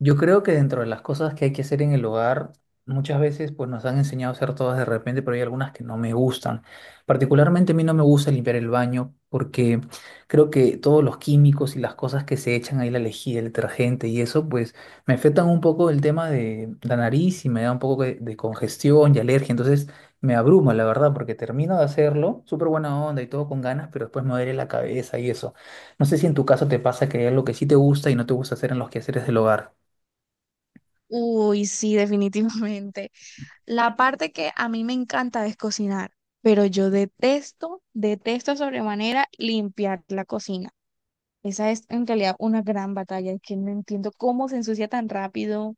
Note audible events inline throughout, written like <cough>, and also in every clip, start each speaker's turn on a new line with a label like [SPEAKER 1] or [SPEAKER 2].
[SPEAKER 1] Yo creo que dentro de las cosas que hay que hacer en el hogar, muchas veces pues nos han enseñado a hacer todas de repente, pero hay algunas que no me gustan. Particularmente a mí no me gusta limpiar el baño porque creo que todos los químicos y las cosas que se echan ahí, la lejía, el detergente y eso, pues me afectan un poco el tema de la nariz y me da un poco de congestión y alergia. Entonces me abruma, la verdad, porque termino de hacerlo, súper buena onda y todo con ganas, pero después me duele la cabeza y eso. No sé si en tu caso te pasa que hay algo que sí te gusta y no te gusta hacer en los quehaceres del hogar.
[SPEAKER 2] Uy, sí, <laughs> definitivamente. La parte que a mí me encanta es cocinar, pero yo detesto, detesto sobremanera limpiar la cocina. Esa es en realidad una gran batalla, que no entiendo cómo se ensucia tan rápido,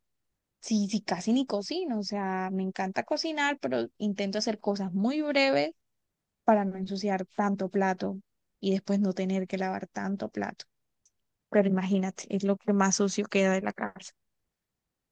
[SPEAKER 2] si casi ni cocino. O sea, me encanta cocinar, pero intento hacer cosas muy breves para no ensuciar tanto plato y después no tener que lavar tanto plato. Pero imagínate, es lo que más sucio queda de la casa.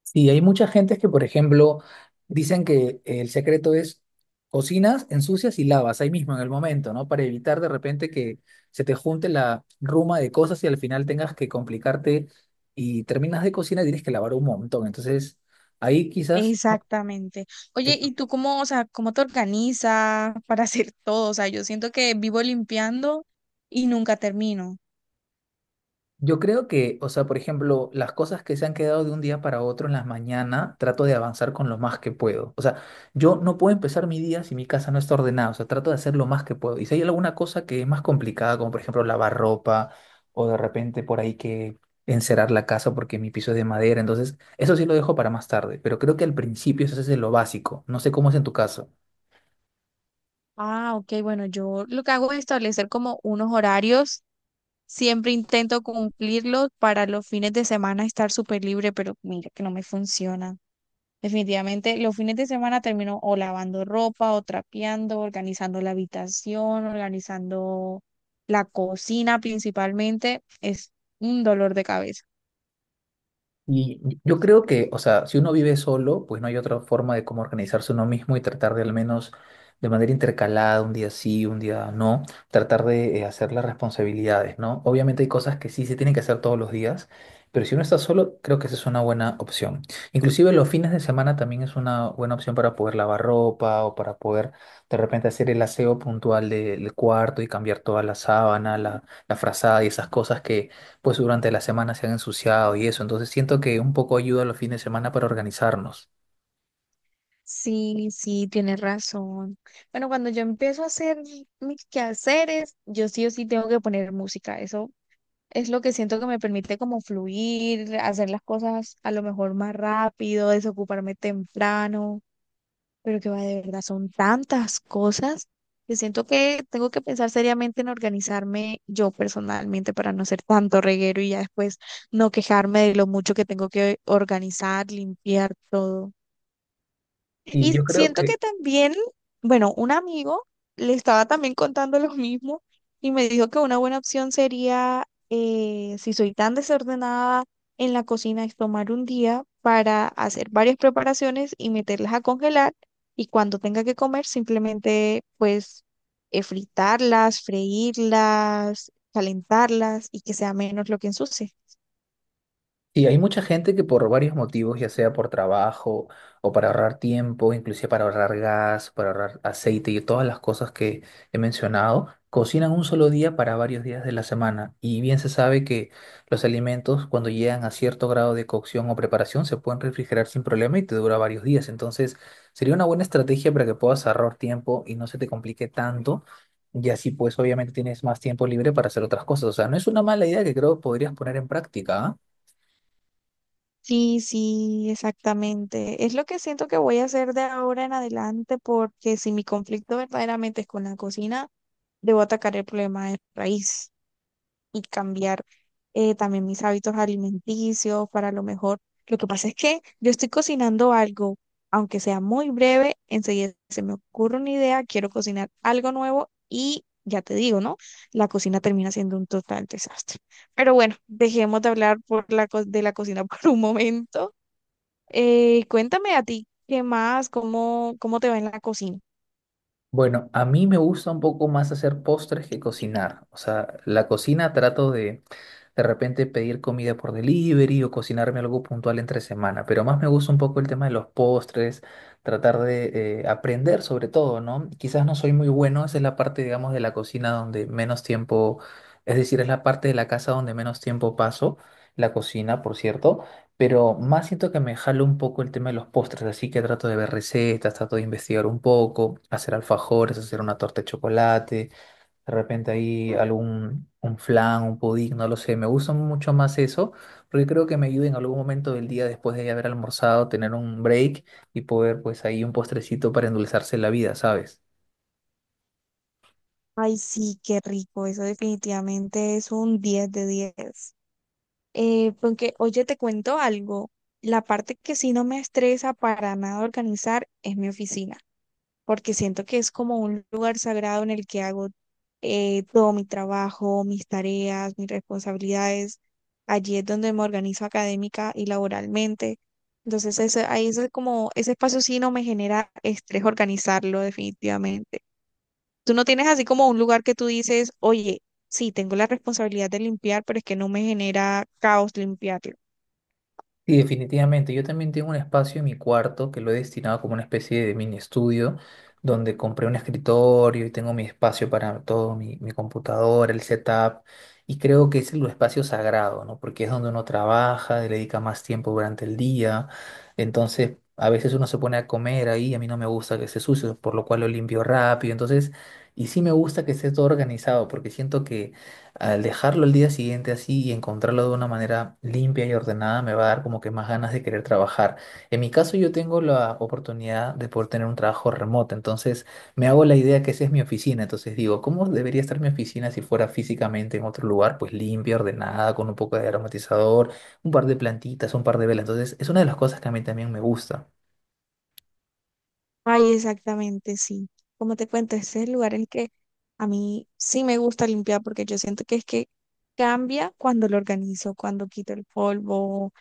[SPEAKER 1] Sí, hay mucha gente que, por ejemplo, dicen que el secreto es cocinas, ensucias y lavas ahí mismo en el momento, ¿no? Para evitar de repente que se te junte la ruma de cosas y al final tengas que complicarte y terminas de cocinar y tienes que lavar un montón. Entonces, ahí quizás, ¿no?
[SPEAKER 2] Exactamente. Oye, ¿y tú cómo, o sea, cómo te organizas <laughs> para hacer todo? O sea, yo siento que vivo limpiando y nunca termino.
[SPEAKER 1] Yo creo que, o sea, por ejemplo, las cosas que se han quedado de un día para otro en las mañanas, trato de avanzar con lo más que puedo. O sea, yo no puedo empezar mi día si mi casa no está ordenada. O sea, trato de hacer lo más que puedo. Y si hay alguna cosa que es más complicada, como por ejemplo lavar ropa o de repente por ahí que encerar la casa porque mi piso es de madera, entonces eso sí lo dejo para más tarde. Pero creo que al principio eso es lo básico. No sé cómo es en tu caso.
[SPEAKER 2] Ah, ok, bueno, yo lo que hago es establecer como unos horarios. Siempre intento cumplirlos para los fines de semana estar súper libre, pero mira que no me funciona. Definitivamente, los fines de semana termino o lavando ropa, o trapeando, organizando la habitación, organizando la cocina principalmente. Es un dolor de cabeza.
[SPEAKER 1] Y yo creo que, o sea, si uno vive solo, pues no hay otra forma de cómo organizarse uno mismo y tratar de al menos de manera intercalada, un día sí, un día no, tratar de hacer las responsabilidades, ¿no? Obviamente hay cosas que sí se tienen que hacer todos los días, pero si uno está solo, creo que esa es una buena opción. Inclusive los fines de semana también es una buena opción para poder lavar ropa o para poder de repente hacer el aseo puntual del cuarto y cambiar toda la sábana, la frazada y esas cosas que pues durante la semana se han ensuciado y eso. Entonces siento que un poco ayuda los fines de semana para organizarnos.
[SPEAKER 2] Sí, sí, tienes razón. Bueno, cuando yo empiezo a hacer mis quehaceres, yo sí o sí tengo que poner música. Eso es lo que siento que me permite como fluir, hacer las cosas a lo mejor más rápido, desocuparme temprano, pero que va de verdad, son tantas cosas que siento que tengo que pensar seriamente en organizarme yo personalmente para no ser tanto reguero y ya después no quejarme de lo mucho que tengo que organizar, limpiar todo.
[SPEAKER 1] Y
[SPEAKER 2] Y
[SPEAKER 1] yo creo
[SPEAKER 2] siento
[SPEAKER 1] que,
[SPEAKER 2] que también, bueno, un amigo le estaba también contando lo mismo y me dijo que una buena opción sería, si soy tan desordenada en la cocina, es tomar un día para hacer varias preparaciones y meterlas a congelar y cuando tenga que comer simplemente pues fritarlas, freírlas, calentarlas y que sea menos lo que ensucie.
[SPEAKER 1] y hay mucha gente que por varios motivos, ya sea por trabajo o para ahorrar tiempo, inclusive para ahorrar gas, para ahorrar aceite y todas las cosas que he mencionado, cocinan un solo día para varios días de la semana. Y bien se sabe que los alimentos cuando llegan a cierto grado de cocción o preparación se pueden refrigerar sin problema y te dura varios días. Entonces sería una buena estrategia para que puedas ahorrar tiempo y no se te complique tanto. Y así pues obviamente tienes más tiempo libre para hacer otras cosas. O sea, no es una mala idea que creo que podrías poner en práctica, ¿ah?
[SPEAKER 2] Sí, sí, exactamente. Es lo que siento que voy a hacer de ahora en adelante porque si mi conflicto verdaderamente es con la cocina, debo atacar el problema de raíz y cambiar también mis hábitos alimenticios para lo mejor. Lo que pasa es que yo estoy cocinando algo, aunque sea muy breve, enseguida se me ocurre una idea, quiero cocinar algo nuevo y ya te digo, ¿no? La cocina termina siendo un total desastre. Pero bueno, dejemos de hablar de la cocina <laughs> por un momento cuéntame a ti, ¿qué más? ¿Cómo, cómo te va en la cocina?
[SPEAKER 1] Bueno, a mí me gusta un poco más hacer postres que cocinar. O sea, la cocina trato de repente pedir comida por delivery o cocinarme algo puntual entre semana, pero más me gusta un poco el tema de los postres, tratar de aprender sobre todo, ¿no? Quizás no soy muy bueno, esa es la parte, digamos, de la cocina donde menos tiempo, es decir, es la parte de la casa donde menos tiempo paso, la cocina, por cierto, pero más siento que me jalo un poco el tema de los postres, así que trato de ver recetas, trato de investigar un poco, hacer alfajores, hacer una torta de chocolate, de repente ahí algún un flan, un pudín, no lo sé, me gusta mucho más eso, porque creo que me ayuda en algún momento del día después de haber almorzado, tener un break y poder pues ahí un postrecito para endulzarse la vida, ¿sabes?
[SPEAKER 2] Ay, sí, qué rico. Eso definitivamente es un 10 de 10. Porque, oye, te cuento algo. La parte que sí no me estresa para nada organizar es mi oficina, porque siento que es como un lugar sagrado en el que hago todo mi trabajo, mis tareas, mis responsabilidades. Allí es donde me organizo académica y laboralmente. Entonces, ahí es como, ese espacio sí no me genera estrés organizarlo definitivamente. Tú no tienes así como un lugar que tú dices, oye, sí, tengo la responsabilidad de limpiar, pero es que no me genera caos limpiarlo.
[SPEAKER 1] Sí, definitivamente. Yo también tengo un espacio en mi cuarto que lo he destinado como una especie de mini estudio, donde compré un escritorio y tengo mi espacio para todo, mi computadora, el setup. Y creo que ese es el espacio sagrado, ¿no? Porque es donde uno trabaja, le dedica más tiempo durante el día. Entonces, a veces uno se pone a comer ahí, a mí no me gusta que esté sucio, por lo cual lo limpio rápido. Entonces, y sí me gusta que esté todo organizado, porque siento que al dejarlo el día siguiente así y encontrarlo de una manera limpia y ordenada, me va a dar como que más ganas de querer trabajar. En mi caso, yo tengo la oportunidad de poder tener un trabajo remoto, entonces me hago la idea que esa es mi oficina. Entonces digo, ¿cómo debería estar mi oficina si fuera físicamente en otro lugar? Pues limpia, ordenada, con un poco de aromatizador, un par de plantitas, un par de velas. Entonces, es una de las cosas que a mí también me gusta.
[SPEAKER 2] Ay, exactamente, sí. Como te cuento, este es el lugar en el que a mí sí me gusta limpiar porque yo siento que es que cambia cuando lo organizo, cuando quito el polvo,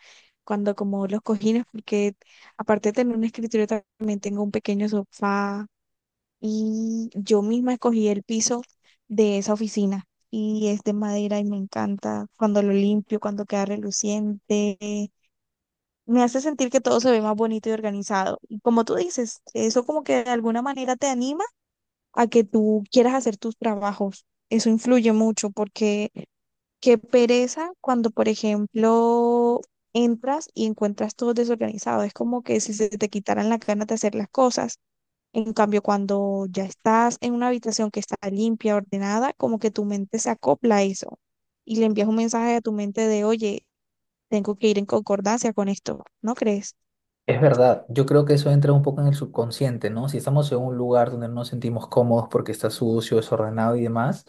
[SPEAKER 2] cuando como los cojines, porque aparte de tener un escritorio también tengo un pequeño sofá y yo misma escogí el piso de esa oficina y es de madera y me encanta cuando lo limpio, cuando queda reluciente, me hace sentir que todo se ve más bonito y organizado. Y como tú dices, eso como que de alguna manera te anima a que tú quieras hacer tus trabajos. Eso influye mucho porque qué pereza cuando, por ejemplo, entras y encuentras todo desorganizado. Es como que si se te quitaran las ganas de hacer las cosas. En cambio, cuando ya estás en una habitación que está limpia, ordenada, como que tu mente se acopla a eso y le envías un mensaje a tu mente de, oye, tengo que ir en concordancia con esto, ¿no crees?
[SPEAKER 1] Es verdad, yo creo que eso entra un poco en el subconsciente, ¿no? Si estamos en un lugar donde no nos sentimos cómodos porque está sucio, desordenado y demás,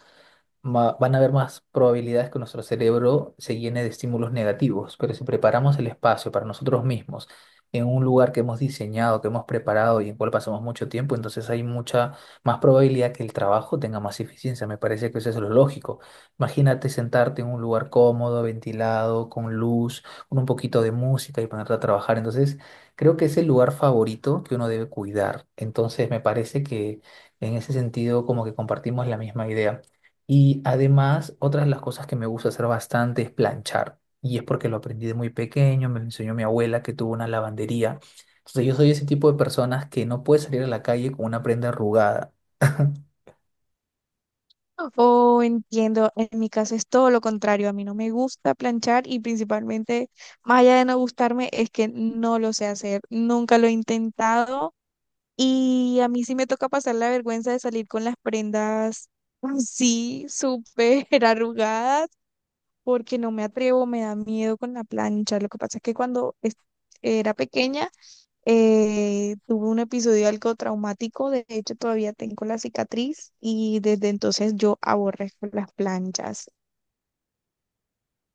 [SPEAKER 1] van a haber más probabilidades que nuestro cerebro se llene de estímulos negativos, pero si preparamos el espacio para nosotros mismos en un lugar que hemos diseñado, que hemos preparado y en cual pasamos mucho tiempo, entonces hay mucha más probabilidad que el trabajo tenga más eficiencia. Me parece que eso es lo lógico. Imagínate sentarte en un lugar cómodo, ventilado, con luz, con un poquito de música y ponerte a trabajar. Entonces, creo que es el lugar favorito que uno debe cuidar. Entonces, me parece que en ese sentido como que compartimos la misma idea. Y además, otras de las cosas que me gusta hacer bastante es planchar. Y es porque lo aprendí de muy pequeño, me lo enseñó mi abuela que tuvo una lavandería. Entonces yo soy ese tipo de personas que no puede salir a la calle con una prenda arrugada. <laughs>
[SPEAKER 2] Oh, entiendo. En mi caso es todo lo contrario. A mí no me gusta planchar y principalmente, más allá de no gustarme, es que no lo sé hacer. Nunca lo he intentado y a mí sí me toca pasar la vergüenza de salir con las prendas así, súper <laughs> arrugadas, porque no me atrevo, me da miedo con la plancha. Lo que pasa es que era pequeña, tuve un episodio algo traumático, de hecho todavía tengo la cicatriz y desde entonces yo aborrezco las planchas.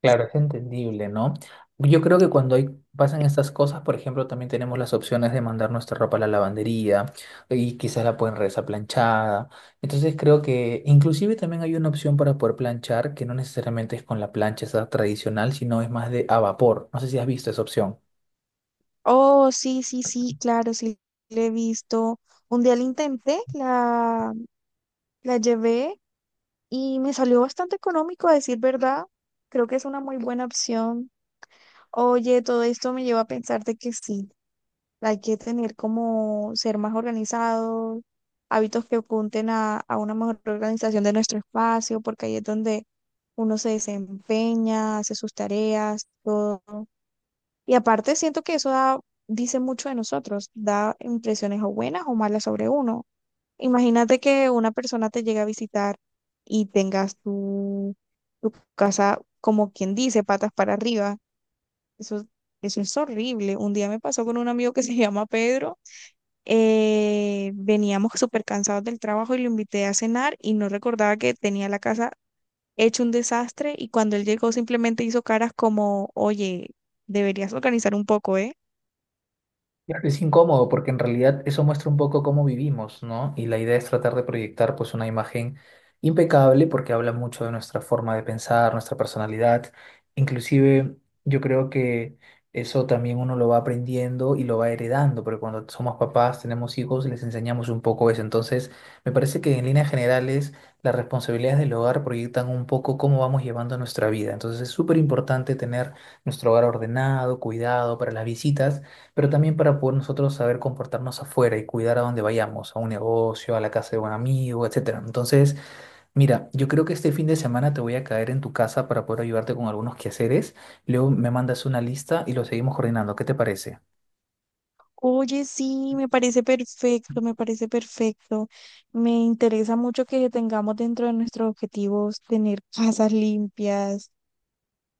[SPEAKER 1] Claro, es entendible, ¿no? Yo creo que cuando hay, pasan estas cosas, por ejemplo, también tenemos las opciones de mandar nuestra ropa a la lavandería y quizás la pueden regresar planchada. Entonces creo que inclusive también hay una opción para poder planchar que no necesariamente es con la plancha esa tradicional, sino es más de a vapor. No sé si has visto esa opción.
[SPEAKER 2] Oh, sí, sí, sí, claro, sí, le he visto. Un día la intenté, la llevé y me salió bastante económico, a decir verdad. Creo que es una muy buena opción. Oye, todo esto me lleva a pensar de que sí. Hay que tener como ser más organizados, hábitos que apunten a una mejor organización de nuestro espacio, porque ahí es donde uno se desempeña, hace sus tareas, todo. Y aparte siento que dice mucho de nosotros, da impresiones o buenas o malas sobre uno. Imagínate que una persona te llega a visitar y tengas tu casa, como quien dice, patas para arriba. Eso, eso es horrible. Un día me pasó con un amigo que se <laughs> llama Pedro. Veníamos súper cansados del trabajo y lo invité a cenar y no recordaba que tenía la casa hecho un desastre y cuando él llegó simplemente hizo caras como, oye, deberías organizar un poco, ¿eh?
[SPEAKER 1] Claro, es incómodo porque en realidad eso muestra un poco cómo vivimos, ¿no? Y la idea es tratar de proyectar pues una imagen impecable porque habla mucho de nuestra forma de pensar, nuestra personalidad. Inclusive yo creo que eso también uno lo va aprendiendo y lo va heredando, porque cuando somos papás, tenemos hijos, les enseñamos un poco eso. Entonces, me parece que en líneas generales las responsabilidades del hogar proyectan un poco cómo vamos llevando nuestra vida. Entonces es súper importante tener nuestro hogar ordenado, cuidado para las visitas, pero también para poder nosotros saber comportarnos afuera y cuidar a donde vayamos, a un negocio, a la casa de un amigo, etcétera. Entonces, mira, yo creo que este fin de semana te voy a caer en tu casa para poder ayudarte con algunos quehaceres. Luego me mandas una lista y lo seguimos coordinando. ¿Qué te parece?
[SPEAKER 2] Oye, sí, me parece perfecto, me parece perfecto. Me interesa mucho que tengamos dentro de nuestros objetivos tener casas limpias.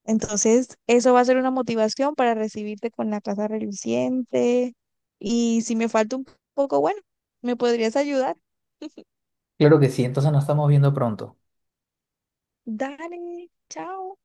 [SPEAKER 2] Entonces, eso va a ser una motivación para recibirte con la casa reluciente. Y si me falta un poco, bueno, ¿me podrías ayudar?
[SPEAKER 1] Claro que sí, entonces nos estamos viendo pronto.
[SPEAKER 2] Dale, chao.